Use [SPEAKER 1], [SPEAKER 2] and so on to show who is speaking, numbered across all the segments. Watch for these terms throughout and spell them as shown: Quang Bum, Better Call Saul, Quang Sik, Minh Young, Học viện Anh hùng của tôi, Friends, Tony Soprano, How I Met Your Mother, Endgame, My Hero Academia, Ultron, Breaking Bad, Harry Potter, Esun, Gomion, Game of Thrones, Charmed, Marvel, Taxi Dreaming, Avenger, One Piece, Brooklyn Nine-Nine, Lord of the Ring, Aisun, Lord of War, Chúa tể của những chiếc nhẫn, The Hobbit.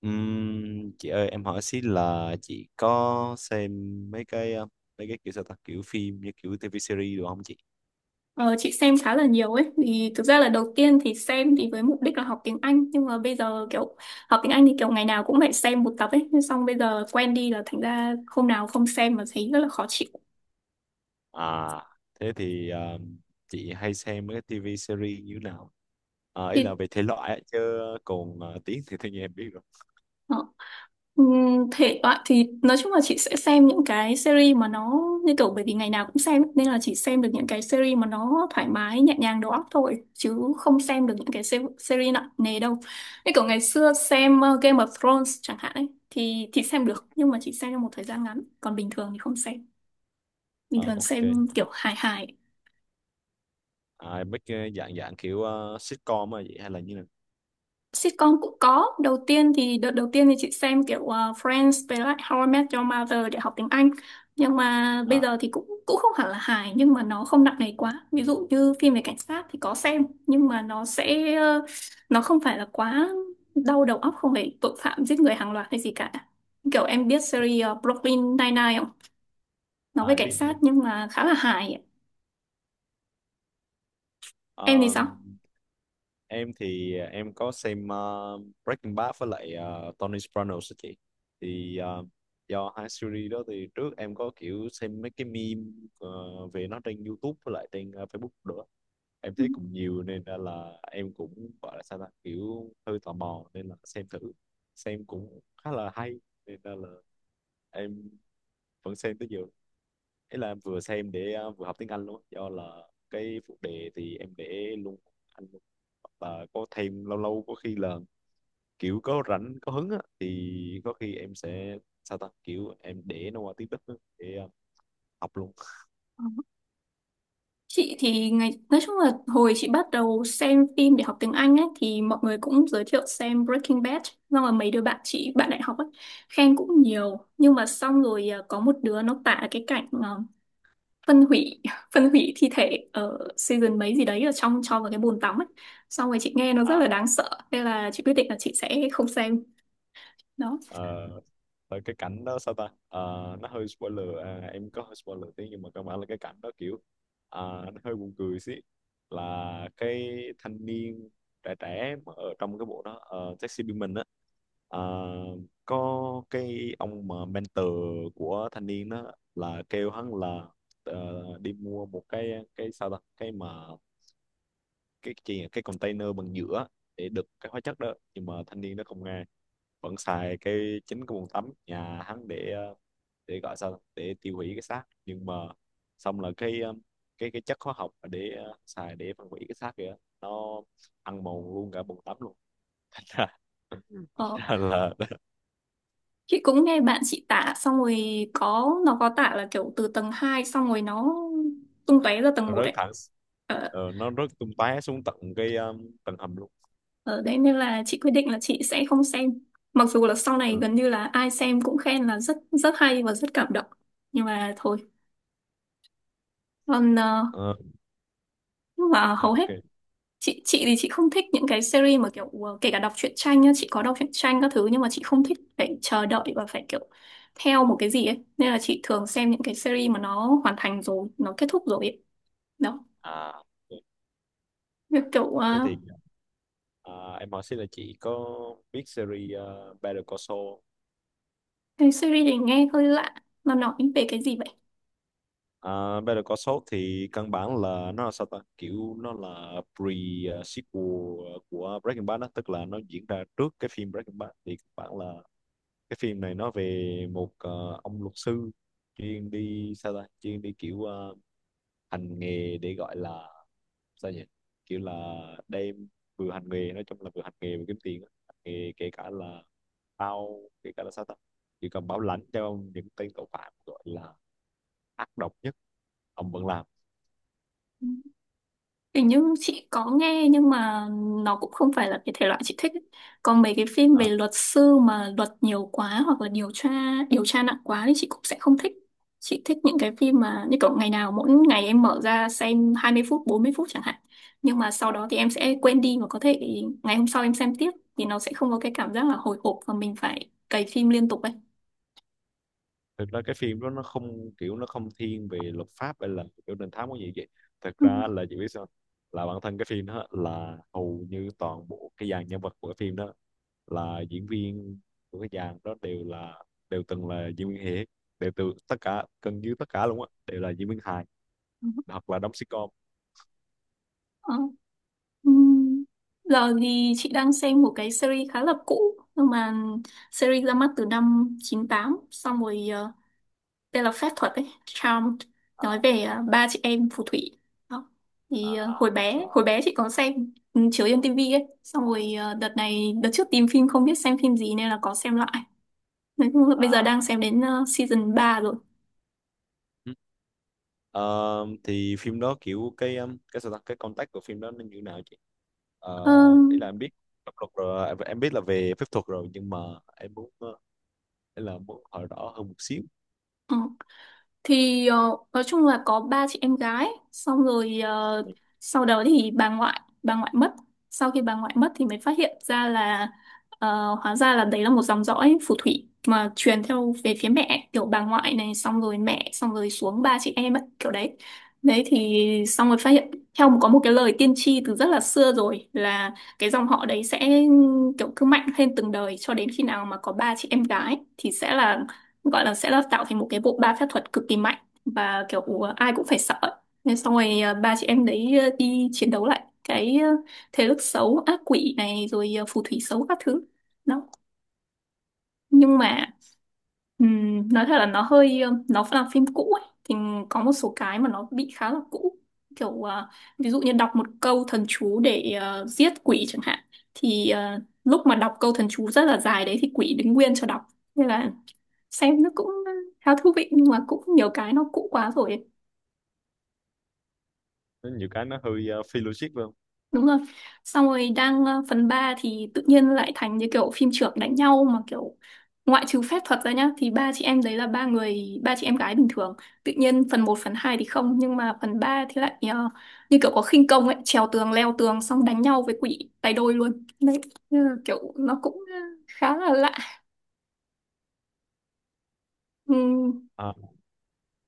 [SPEAKER 1] Chị ơi, em hỏi xí là chị có xem mấy mấy cái kiểu sao ta kiểu phim như kiểu TV series được không chị?
[SPEAKER 2] Ờ, chị xem khá là nhiều ấy, vì thực ra là đầu tiên thì xem thì với mục đích là học tiếng Anh, nhưng mà bây giờ kiểu học tiếng Anh thì kiểu ngày nào cũng phải xem một tập ấy, nhưng xong bây giờ quen đi là thành ra hôm nào không xem mà thấy rất là khó chịu.
[SPEAKER 1] À, thế thì chị hay xem mấy cái TV series như thế nào? À, ý là
[SPEAKER 2] Thì
[SPEAKER 1] về thể loại á, chứ còn tiếng thì tự nhiên em biết rồi.
[SPEAKER 2] ờ, thể loại thì nói chung là chị sẽ xem những cái series mà nó như kiểu, bởi vì ngày nào cũng xem ấy, nên là chỉ xem được những cái series mà nó thoải mái nhẹ nhàng đầu óc thôi, chứ không xem được những cái series nặng nề đâu. Như kiểu ngày xưa xem Game of Thrones chẳng hạn ấy thì xem được, nhưng mà chỉ xem trong một thời gian ngắn, còn bình thường thì không xem, bình
[SPEAKER 1] Ờ,
[SPEAKER 2] thường
[SPEAKER 1] ok.
[SPEAKER 2] xem kiểu hài hài.
[SPEAKER 1] À, mấy cái dạng dạng kiểu sitcom mà vậy hay là như nào?
[SPEAKER 2] Sitcom cũng có. Đầu tiên thì đợt đầu tiên thì chị xem kiểu Friends với lại How I Met Your Mother để học tiếng Anh. Nhưng mà bây
[SPEAKER 1] À,
[SPEAKER 2] giờ thì cũng cũng không hẳn là hài, nhưng mà nó không nặng nề quá. Ví dụ như phim về cảnh sát thì có xem, nhưng mà nó sẽ nó không phải là quá đau đầu óc, không phải tội phạm giết người hàng loạt hay gì cả. Kiểu em biết series Brooklyn Nine-Nine không? Nó
[SPEAKER 1] à
[SPEAKER 2] về
[SPEAKER 1] em
[SPEAKER 2] cảnh
[SPEAKER 1] biết em
[SPEAKER 2] sát
[SPEAKER 1] biết.
[SPEAKER 2] nhưng mà khá là hài. Em thì sao?
[SPEAKER 1] Em có xem Breaking Bad với lại Tony Sopranos á chị, thì ờ, do hai series đó thì trước em có kiểu xem mấy cái meme ờ, về nó trên YouTube với lại trên Facebook nữa. Em thấy cũng nhiều nên ra là em cũng gọi là sao ta kiểu hơi tò mò nên là xem thử, xem cũng khá là hay nên ra là em vẫn xem tới giờ. Thế là em vừa xem để vừa học tiếng Anh luôn, do là cái phụ đề thì em để luôn Anh luôn. Và có thêm lâu lâu có khi là kiểu có rảnh có hứng á, thì có khi em sẽ sao ta kiểu em để nó qua tiếng Đức á, để học luôn.
[SPEAKER 2] Ừ. Chị thì ngày nói chung là hồi chị bắt đầu xem phim để học tiếng Anh ấy thì mọi người cũng giới thiệu xem Breaking Bad, xong rồi mấy đứa bạn chị, bạn đại học ấy, khen cũng nhiều. Nhưng mà xong rồi có một đứa nó tả cái cảnh phân hủy phân hủy thi thể ở season mấy gì đấy, ở trong cho vào cái bồn tắm ấy, xong rồi chị nghe nó rất là
[SPEAKER 1] À,
[SPEAKER 2] đáng sợ, nên là chị quyết định là chị sẽ không xem đó.
[SPEAKER 1] Ờ, tại cái cảnh đó sao ta. Ờ, nó hơi spoiler, à em có hơi spoiler tí nhưng mà cơ bản là cái cảnh đó kiểu, à, nó hơi buồn cười xí. Là cái thanh niên trẻ trẻ mà ở trong cái bộ đó Taxi Dreaming á, ờ, có cái ông mà mentor của thanh niên đó là kêu hắn là đi mua một cái sao ta cái mà cái gì nhỉ? Cái container bằng nhựa để đựng cái hóa chất đó, nhưng mà thanh niên nó không nghe, vẫn xài cái chính cái bồn tắm nhà hắn để gọi sao ta? Để tiêu hủy cái xác. Nhưng mà xong là cái chất hóa học mà xài để phân hủy cái xác kìa, nó ăn mòn luôn cả bồn tắm luôn.
[SPEAKER 2] ờ,
[SPEAKER 1] là, là
[SPEAKER 2] chị cũng nghe bạn chị tả xong rồi, có nó có tả là kiểu từ tầng 2 xong rồi nó tung tóe ra tầng
[SPEAKER 1] nó
[SPEAKER 2] 1
[SPEAKER 1] rớt
[SPEAKER 2] ấy.
[SPEAKER 1] thẳng.
[SPEAKER 2] Ờ,
[SPEAKER 1] Nó rớt tung tóe xuống tận tầng hầm luôn.
[SPEAKER 2] Ở đấy nên là chị quyết định là chị sẽ không xem. Mặc dù là sau này
[SPEAKER 1] Ừ.
[SPEAKER 2] gần như là ai xem cũng khen là rất rất hay và rất cảm động. Nhưng mà thôi. Còn
[SPEAKER 1] Ờ,
[SPEAKER 2] nhưng mà
[SPEAKER 1] dạ,
[SPEAKER 2] hầu
[SPEAKER 1] ok.
[SPEAKER 2] hết chị thì chị không thích những cái series mà kiểu kể cả đọc truyện tranh nhá, chị có đọc truyện tranh các thứ, nhưng mà chị không thích phải chờ đợi và phải kiểu theo một cái gì ấy. Nên là chị thường xem những cái series mà nó hoàn thành rồi, nó kết thúc rồi ấy. Đó.
[SPEAKER 1] À ok.
[SPEAKER 2] Việc kiểu
[SPEAKER 1] Thế thì, à, em hỏi xin là chị có biết series Better Call Saul.
[SPEAKER 2] cái series này nghe hơi lạ. Nó nói về cái gì vậy?
[SPEAKER 1] À, Better Call Saul thì căn bản là nó là sao ta kiểu nó là pre-sequel của Breaking Bad đó, tức là nó diễn ra trước cái phim Breaking Bad. Thì căn bản là cái phim này nó về một ông luật sư chuyên đi sao ta chuyên đi kiểu hành nghề để gọi là sao nhỉ kiểu là đem vừa hành nghề, nói chung là vừa hành nghề vừa kiếm tiền á. Hành nghề kể cả là bao kể cả là sao ta chỉ cần bảo lãnh cho ông những tên tội phạm gọi là ác độc nhất ông vẫn làm.
[SPEAKER 2] Hình như chị có nghe nhưng mà nó cũng không phải là cái thể loại chị thích ấy. Còn mấy cái phim về
[SPEAKER 1] À,
[SPEAKER 2] luật sư mà luật nhiều quá hoặc là điều tra nặng quá thì chị cũng sẽ không thích. Chị thích những cái phim mà như kiểu ngày nào mỗi ngày em mở ra xem 20 phút, 40 phút chẳng hạn. Nhưng mà sau đó thì em sẽ quên đi và có thể ngày hôm sau em xem tiếp, thì nó sẽ không có cái cảm giác là hồi hộp và mình phải cày phim liên tục ấy.
[SPEAKER 1] thực ra cái phim đó nó không kiểu nó không thiên về luật pháp hay là kiểu đình thám có gì vậy. Thực
[SPEAKER 2] Ừ.
[SPEAKER 1] ra là chị biết sao, là bản thân cái phim đó là hầu như toàn bộ cái dàn nhân vật của cái phim đó là diễn viên của cái dàn đó đều là đều từng là diễn viên hề, đều từ tất cả gần như tất cả luôn á đều là diễn viên hài hoặc là đóng sitcom.
[SPEAKER 2] Ừ. Ừm, Giờ thì chị đang xem một cái series khá là cũ, nhưng mà series ra mắt từ năm 98, xong rồi tên là phép thuật ấy, Charmed, nói về ba chị em phù thủy đó. Thì
[SPEAKER 1] À,
[SPEAKER 2] hồi bé
[SPEAKER 1] sao?
[SPEAKER 2] hồi bé chị có xem, ừ, chiếu trên tivi ấy, xong rồi đợt này đợt trước tìm phim không biết xem phim gì nên là có xem lại. Nói chung là bây giờ
[SPEAKER 1] À.
[SPEAKER 2] đang xem đến season ba rồi.
[SPEAKER 1] Ừ. Ờ, thì phim đó kiểu cái cái sao ta cái contact của phim đó nó như thế nào chị?
[SPEAKER 2] Ờ,
[SPEAKER 1] Ý là em biết pháp luật rồi, à em biết là về phép thuật rồi nhưng mà em muốn ý là muốn hỏi rõ hơn một xíu.
[SPEAKER 2] ừ. Thì nói chung là có ba chị em gái, xong rồi
[SPEAKER 1] Ừ.
[SPEAKER 2] sau đó thì bà ngoại mất. Sau khi bà ngoại mất thì mới phát hiện ra là hóa ra là đấy là một dòng dõi phù thủy mà truyền theo về phía mẹ, kiểu bà ngoại này xong rồi mẹ xong rồi xuống ba chị em ấy, kiểu đấy. Đấy thì xong rồi phát hiện theo có một cái lời tiên tri từ rất là xưa rồi, là cái dòng họ đấy sẽ kiểu cứ mạnh lên từng đời cho đến khi nào mà có ba chị em gái thì sẽ là, gọi là, sẽ là tạo thành một cái bộ ba phép thuật cực kỳ mạnh và kiểu ai cũng phải sợ ấy. Nên xong rồi ba chị em đấy đi chiến đấu lại cái thế lực xấu ác quỷ này, rồi phù thủy xấu các thứ đó. Nhưng mà nói thật là nó hơi nó là phim cũ ấy thì có một số cái mà nó bị khá là cũ kiểu ví dụ như đọc một câu thần chú để giết quỷ chẳng hạn, thì lúc mà đọc câu thần chú rất là dài đấy thì quỷ đứng nguyên cho đọc, nên là xem nó cũng khá thú vị, nhưng mà cũng nhiều cái nó cũ quá rồi ấy.
[SPEAKER 1] Có nhiều cái nó hơi phi logic phải không?
[SPEAKER 2] Đúng rồi, xong rồi đang phần 3 thì tự nhiên lại thành như kiểu phim chưởng đánh nhau mà kiểu, ngoại trừ phép thuật ra nhá, thì ba chị em đấy là ba người, ba chị em gái bình thường, tự nhiên phần một phần 2 thì không nhưng mà phần 3 thì lại như kiểu có khinh công ấy, trèo tường leo tường xong đánh nhau với quỷ tay đôi luôn đấy. Nên là kiểu nó cũng khá là lạ. Ừm,
[SPEAKER 1] À,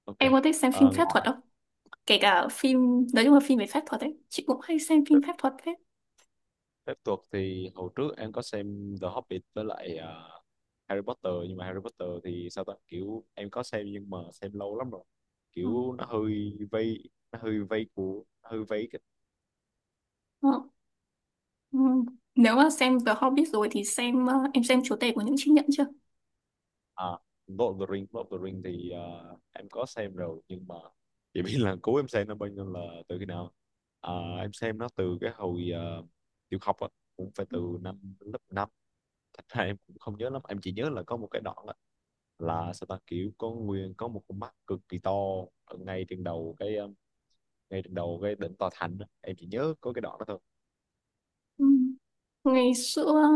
[SPEAKER 1] ok.
[SPEAKER 2] em có thích xem phim
[SPEAKER 1] Ờ,
[SPEAKER 2] phép thuật
[SPEAKER 1] ngoài
[SPEAKER 2] không? Kể cả phim, nói chung là phim về phép thuật ấy, chị cũng hay xem
[SPEAKER 1] phép,
[SPEAKER 2] phim phép thuật thế.
[SPEAKER 1] phép thuật thì hồi trước em có xem The Hobbit với lại Harry Potter. Nhưng mà Harry Potter thì sao ta kiểu em có xem nhưng mà xem lâu lắm rồi,
[SPEAKER 2] Ừ.
[SPEAKER 1] kiểu nó hơi vây của hơi vây.
[SPEAKER 2] Ừ. Ừ. Nếu mà xem The Hobbit rồi thì xem em xem Chúa tể của những chiếc nhẫn chưa?
[SPEAKER 1] À, Lord of the Ring, Lord of the Ring thì em có xem rồi nhưng mà chỉ biết là cũ em xem nó bao nhiêu là từ khi nào. À, em xem nó từ cái hồi tiểu học á, cũng phải từ năm lớp năm. Thật ra em cũng không nhớ lắm, em chỉ nhớ là có một cái đoạn á, là sao ta kiểu có nguyên có một con mắt cực kỳ to ở ngay trên đầu ngay trên đầu cái đỉnh tòa thành á. Em chỉ nhớ có cái đoạn đó thôi.
[SPEAKER 2] Ừ. Ngày xưa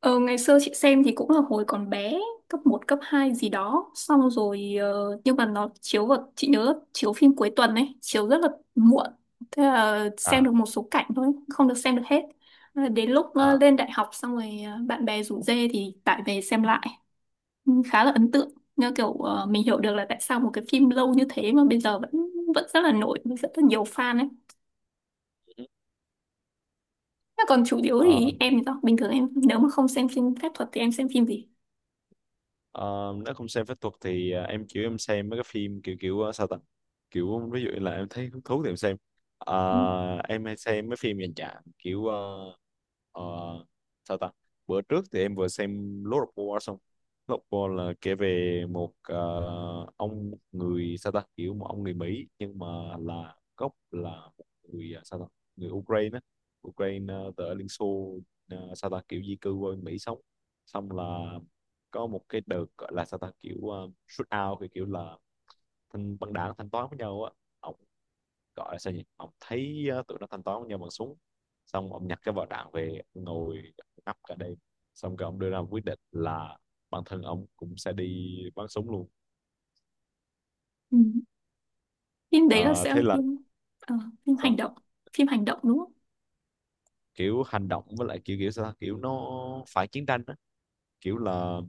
[SPEAKER 2] ngày xưa chị xem thì cũng là hồi còn bé, cấp một cấp 2 gì đó, xong rồi nhưng mà nó chiếu, vào chị nhớ là chiếu phim cuối tuần ấy, chiếu rất là muộn. Thế là xem
[SPEAKER 1] À.
[SPEAKER 2] được một số cảnh thôi, không được xem được hết. Đến lúc
[SPEAKER 1] À.
[SPEAKER 2] lên đại học xong rồi bạn bè rủ dê thì tải về xem lại. Khá là ấn tượng, như kiểu mình hiểu được là tại sao một cái phim lâu như thế mà bây giờ vẫn vẫn rất là nổi với rất là nhiều fan ấy.
[SPEAKER 1] Ừ.
[SPEAKER 2] Thế còn chủ yếu
[SPEAKER 1] Ờ.
[SPEAKER 2] thì em thì sao, bình thường em nếu mà không xem phim phép thuật thì em xem phim gì?
[SPEAKER 1] Ờ, nếu không xem phép thuật thì à, em kiểu em xem mấy cái phim kiểu kiểu à, sao ta kiểu ví dụ như là em thấy hứng thú thì em xem.
[SPEAKER 2] Ừ.
[SPEAKER 1] Ờ, em hay xem mấy phim dành dạng kiểu ờ, sao ta bữa trước thì em vừa xem Lord of War xong. Lord of War là kể về một ông người sao ta kiểu một ông người Mỹ nhưng mà là gốc là một người à, sao ta người Ukraine á, Ukraine từ ở Liên Xô, sao ta kiểu di cư qua Mỹ sống. Xong là có một cái đợt gọi là sao ta kiểu shoot out kiểu, kiểu là thanh băng đảng thanh toán với nhau á. Ông gọi là sao nhỉ, ông thấy tụi nó thanh toán với nhau bằng súng, xong ông nhặt cái vỏ đạn về ông ngồi ngắp cả đêm, xong rồi ông đưa ra một quyết định là bản thân ông cũng sẽ đi bắn súng luôn.
[SPEAKER 2] Ừ. Phim đấy là
[SPEAKER 1] Ờ,
[SPEAKER 2] sẽ
[SPEAKER 1] thế
[SPEAKER 2] là
[SPEAKER 1] là
[SPEAKER 2] phim ờ, phim hành
[SPEAKER 1] sao
[SPEAKER 2] động, phim hành động đúng không?
[SPEAKER 1] kiểu hành động với lại kiểu kiểu sao kiểu nó phải chiến tranh á, kiểu là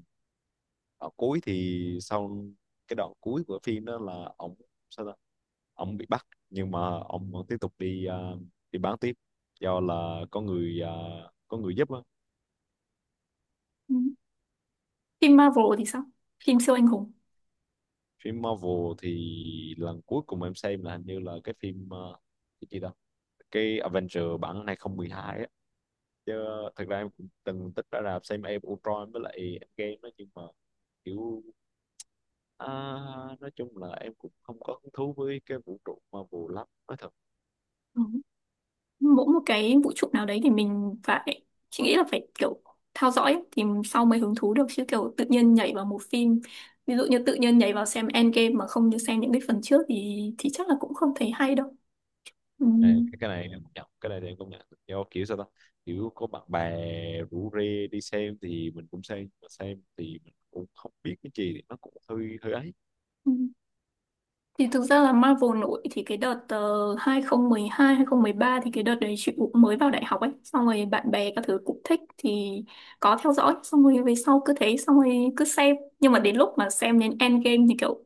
[SPEAKER 1] ở cuối thì sau cái đoạn cuối của phim đó là ông sao ta ông bị bắt nhưng mà ông vẫn tiếp tục đi đi bán tiếp do là có người có người giúp á.
[SPEAKER 2] Ừ. Phim Marvel thì sao, phim siêu anh hùng?
[SPEAKER 1] Phim Marvel thì lần cuối cùng em xem là hình như là cái phim cái gì đó, cái Avenger bản 2012 á. Chứ thật ra em cũng từng tích ra rạp xem em Ultron với lại Endgame đó, nhưng mà kiểu, à, nói chung là em cũng không có hứng thú với cái vũ trụ Marvel lắm nói thật.
[SPEAKER 2] Ừ. Mỗi một cái vũ trụ nào đấy thì mình phải, chị nghĩ là phải kiểu theo dõi ấy, thì sau mới hứng thú được, chứ kiểu tự nhiên nhảy vào một phim, ví dụ như tự nhiên nhảy vào xem Endgame mà không như xem những cái phần trước thì chắc là cũng không thấy hay đâu. Ừ.
[SPEAKER 1] Này, cái này em công nhận, cái này thì em công nhận do kiểu sao ta kiểu có bạn bè rủ rê đi xem thì mình cũng xem mà xem thì mình cũng không biết cái gì thì nó cũng hơi hơi ấy.
[SPEAKER 2] Ừ. Thì thực ra là Marvel nổi thì cái đợt 2012 ba, thì cái đợt đấy chị cũng mới vào đại học ấy, xong rồi bạn bè các thứ cũng thích thì có theo dõi, xong rồi về sau cứ thế xong rồi cứ xem. Nhưng mà đến lúc mà xem đến Endgame thì kiểu,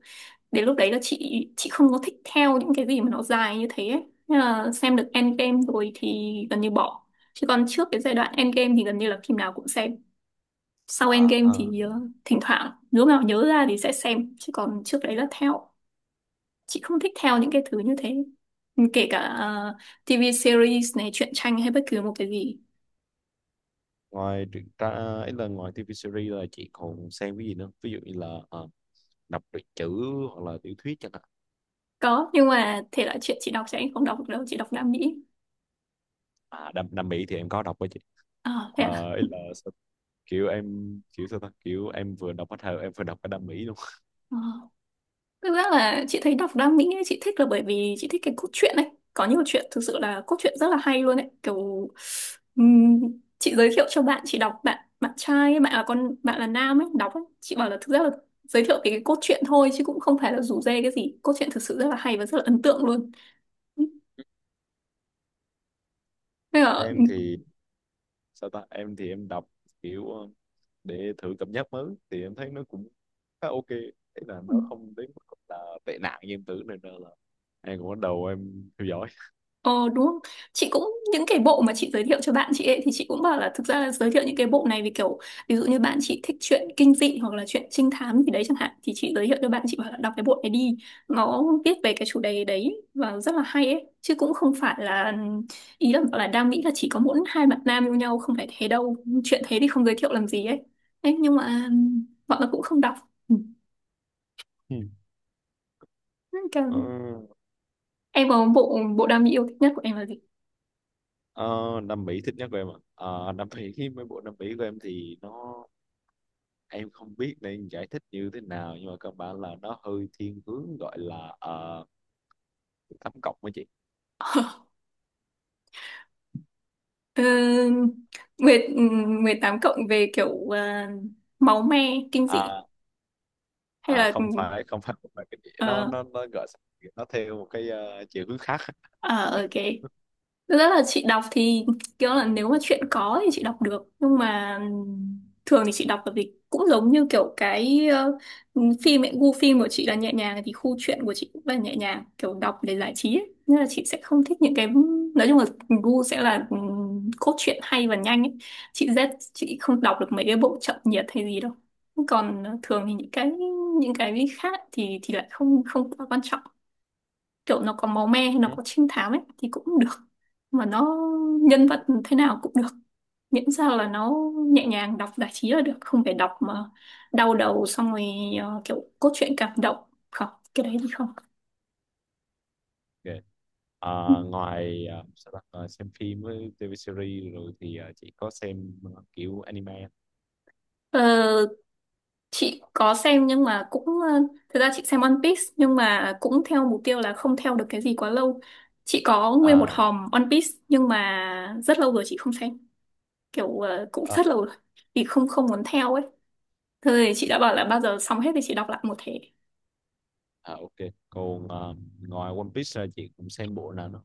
[SPEAKER 2] đến lúc đấy là chị không có thích theo những cái gì mà nó dài như thế ấy. Nên là xem được Endgame rồi thì gần như bỏ, chứ còn trước cái giai đoạn Endgame thì gần như là phim nào cũng xem. Sau
[SPEAKER 1] À,
[SPEAKER 2] Endgame
[SPEAKER 1] à.
[SPEAKER 2] thì thỉnh thoảng lúc nào nhớ ra thì sẽ xem, chứ còn trước đấy là theo. Chị không thích theo những cái thứ như thế, kể cả TV series này, truyện tranh hay bất cứ một cái gì.
[SPEAKER 1] Ngoài truyện tra ấy là ngoài TV series là chị còn xem cái gì nữa, ví dụ như là à, đọc truyện chữ hoặc là tiểu thuyết chẳng hạn?
[SPEAKER 2] Có, nhưng mà thể loại chuyện chị đọc sẽ không đọc được đâu, chị đọc Nam Mỹ.
[SPEAKER 1] À Nam, Nam Mỹ thì em có đọc với chị.
[SPEAKER 2] À, thế
[SPEAKER 1] À,
[SPEAKER 2] à?
[SPEAKER 1] ấy là sao- kiểu em kiểu sao ta kiểu em vừa đọc bắt đầu em vừa đọc cái Nam Mỹ luôn.
[SPEAKER 2] Ờ. Thực ra là chị thấy đọc Đam Mỹ ấy, chị thích là bởi vì chị thích cái cốt truyện ấy. Có nhiều chuyện thực sự là cốt truyện rất là hay luôn ấy. Kiểu ừm, chị giới thiệu cho bạn chị đọc, bạn bạn trai ấy, bạn là con, bạn là nam ấy đọc ấy. Chị bảo là thực ra là giới thiệu cái cốt truyện thôi chứ cũng không phải là rủ rê cái gì. Cốt truyện thực sự rất là hay và rất là ấn tượng luôn. Nên là
[SPEAKER 1] Em thì sao ta em thì em đọc kiểu để thử cảm giác mới thì em thấy nó cũng khá ok. Thế là nó không đến mức là tệ nạn như em tưởng nên là em cũng bắt đầu em theo dõi.
[SPEAKER 2] ờ, đúng không? Chị cũng những cái bộ mà chị giới thiệu cho bạn chị ấy thì chị cũng bảo là thực ra là giới thiệu những cái bộ này vì kiểu ví dụ như bạn chị thích chuyện kinh dị hoặc là chuyện trinh thám gì đấy chẳng hạn thì chị giới thiệu cho bạn chị bảo là đọc cái bộ này đi. Nó viết về cái chủ đề đấy và rất là hay ấy chứ cũng không phải là ý là bảo là đang nghĩ là chỉ có mỗi hai bạn nam yêu nhau, không phải thế đâu. Chuyện thế thì không giới thiệu làm gì ấy. Đấy, nhưng mà bọn nó cũng không đọc. Ừ.
[SPEAKER 1] Ừ. ờ,
[SPEAKER 2] Em có bộ bộ đam mỹ yêu thích nhất của em là gì?
[SPEAKER 1] ờ, Nam Mỹ thích nhất của em à? Ờ, Nam Mỹ khi mấy bộ Nam Mỹ của em thì nó, em không biết nên giải thích như thế nào nhưng mà cơ bản là nó hơi thiên hướng gọi là tám cộng với chị.
[SPEAKER 2] Ờ, mười 18 cộng về kiểu máu me, kinh dị
[SPEAKER 1] À,
[SPEAKER 2] hay
[SPEAKER 1] à,
[SPEAKER 2] là ừ,
[SPEAKER 1] không phải không phải không phải cái gì. nó
[SPEAKER 2] ờ,
[SPEAKER 1] nó nó gọi, nó theo một cái chiều hướng khác.
[SPEAKER 2] ở ở cái thực ra là chị đọc thì kiểu là nếu mà chuyện có thì chị đọc được, nhưng mà thường thì chị đọc là vì cũng giống như kiểu cái phim ấy, gu phim của chị là nhẹ nhàng thì khu truyện của chị cũng là nhẹ nhàng, kiểu đọc để giải trí ấy. Nên là chị sẽ không thích những cái, nói chung là gu sẽ là cốt truyện hay và nhanh ấy. Chị không đọc được mấy cái bộ chậm nhiệt hay gì đâu, còn thường thì những cái khác thì lại không không quá quan trọng, kiểu nó có máu me hay nó
[SPEAKER 1] Ừ.
[SPEAKER 2] có trinh thám ấy thì cũng được, mà nó nhân vật thế nào cũng được, miễn sao là nó nhẹ nhàng đọc giải trí là được, không phải đọc mà đau đầu xong rồi kiểu cốt truyện cảm động. Không, cái đấy thì không.
[SPEAKER 1] Ok.
[SPEAKER 2] Ừ.
[SPEAKER 1] Ờ, ngoài sao ta? Ờ, xem phim với TV series rồi thì chị có xem kiểu anime?
[SPEAKER 2] Ờ, chị có xem, nhưng mà cũng thực ra chị xem One Piece, nhưng mà cũng theo mục tiêu là không theo được cái gì quá lâu. Chị có nguyên một
[SPEAKER 1] À,
[SPEAKER 2] hòm One Piece nhưng mà rất lâu rồi chị không xem, kiểu cũng
[SPEAKER 1] à,
[SPEAKER 2] rất lâu rồi thì không không muốn theo ấy. Thôi thì chị đã bảo là bao giờ xong hết thì chị đọc lại một thể.
[SPEAKER 1] à ok. Còn ngoài One Piece ra chị cũng xem bộ nào nữa?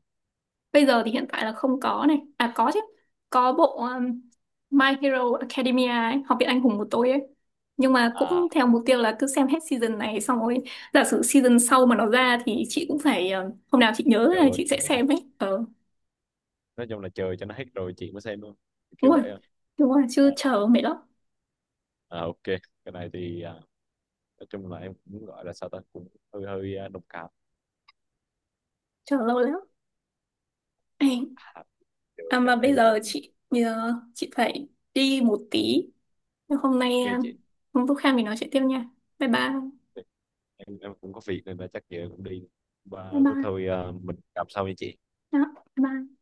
[SPEAKER 2] Bây giờ thì hiện tại là không có này. À có chứ. Có bộ My Hero Academia ấy, Học viện Anh hùng của tôi ấy. Nhưng mà cũng
[SPEAKER 1] À
[SPEAKER 2] theo mục tiêu là cứ xem hết season này xong rồi giả sử season sau mà nó ra thì chị cũng phải hôm nào chị nhớ
[SPEAKER 1] chờ
[SPEAKER 2] là
[SPEAKER 1] cho
[SPEAKER 2] chị sẽ
[SPEAKER 1] nó hết rồi.
[SPEAKER 2] xem ấy. Ờ
[SPEAKER 1] Nói chung là chờ cho nó hết rồi chị mới xem luôn,
[SPEAKER 2] đúng
[SPEAKER 1] kiểu
[SPEAKER 2] rồi.
[SPEAKER 1] vậy thôi.
[SPEAKER 2] Đúng rồi,
[SPEAKER 1] À,
[SPEAKER 2] chứ chờ mệt lắm.
[SPEAKER 1] à, ok. Cái này thì à, nói chung là em cũng gọi là sao ta cũng hơi hơi à, đồng cảm.
[SPEAKER 2] Chờ lâu lắm. Ê,
[SPEAKER 1] À, giờ
[SPEAKER 2] à
[SPEAKER 1] chắc
[SPEAKER 2] mà
[SPEAKER 1] em cũng
[SPEAKER 2] bây giờ chị phải đi một tí. Nhưng hôm nay
[SPEAKER 1] ok chị.
[SPEAKER 2] hôm lúc khác mình nói chuyện tiếp nha. Bye bye.
[SPEAKER 1] Em cũng có việc nên là chắc giờ em cũng đi.
[SPEAKER 2] Bye
[SPEAKER 1] Và
[SPEAKER 2] bye.
[SPEAKER 1] thôi à, mình gặp sau nha chị.
[SPEAKER 2] Đó, bye.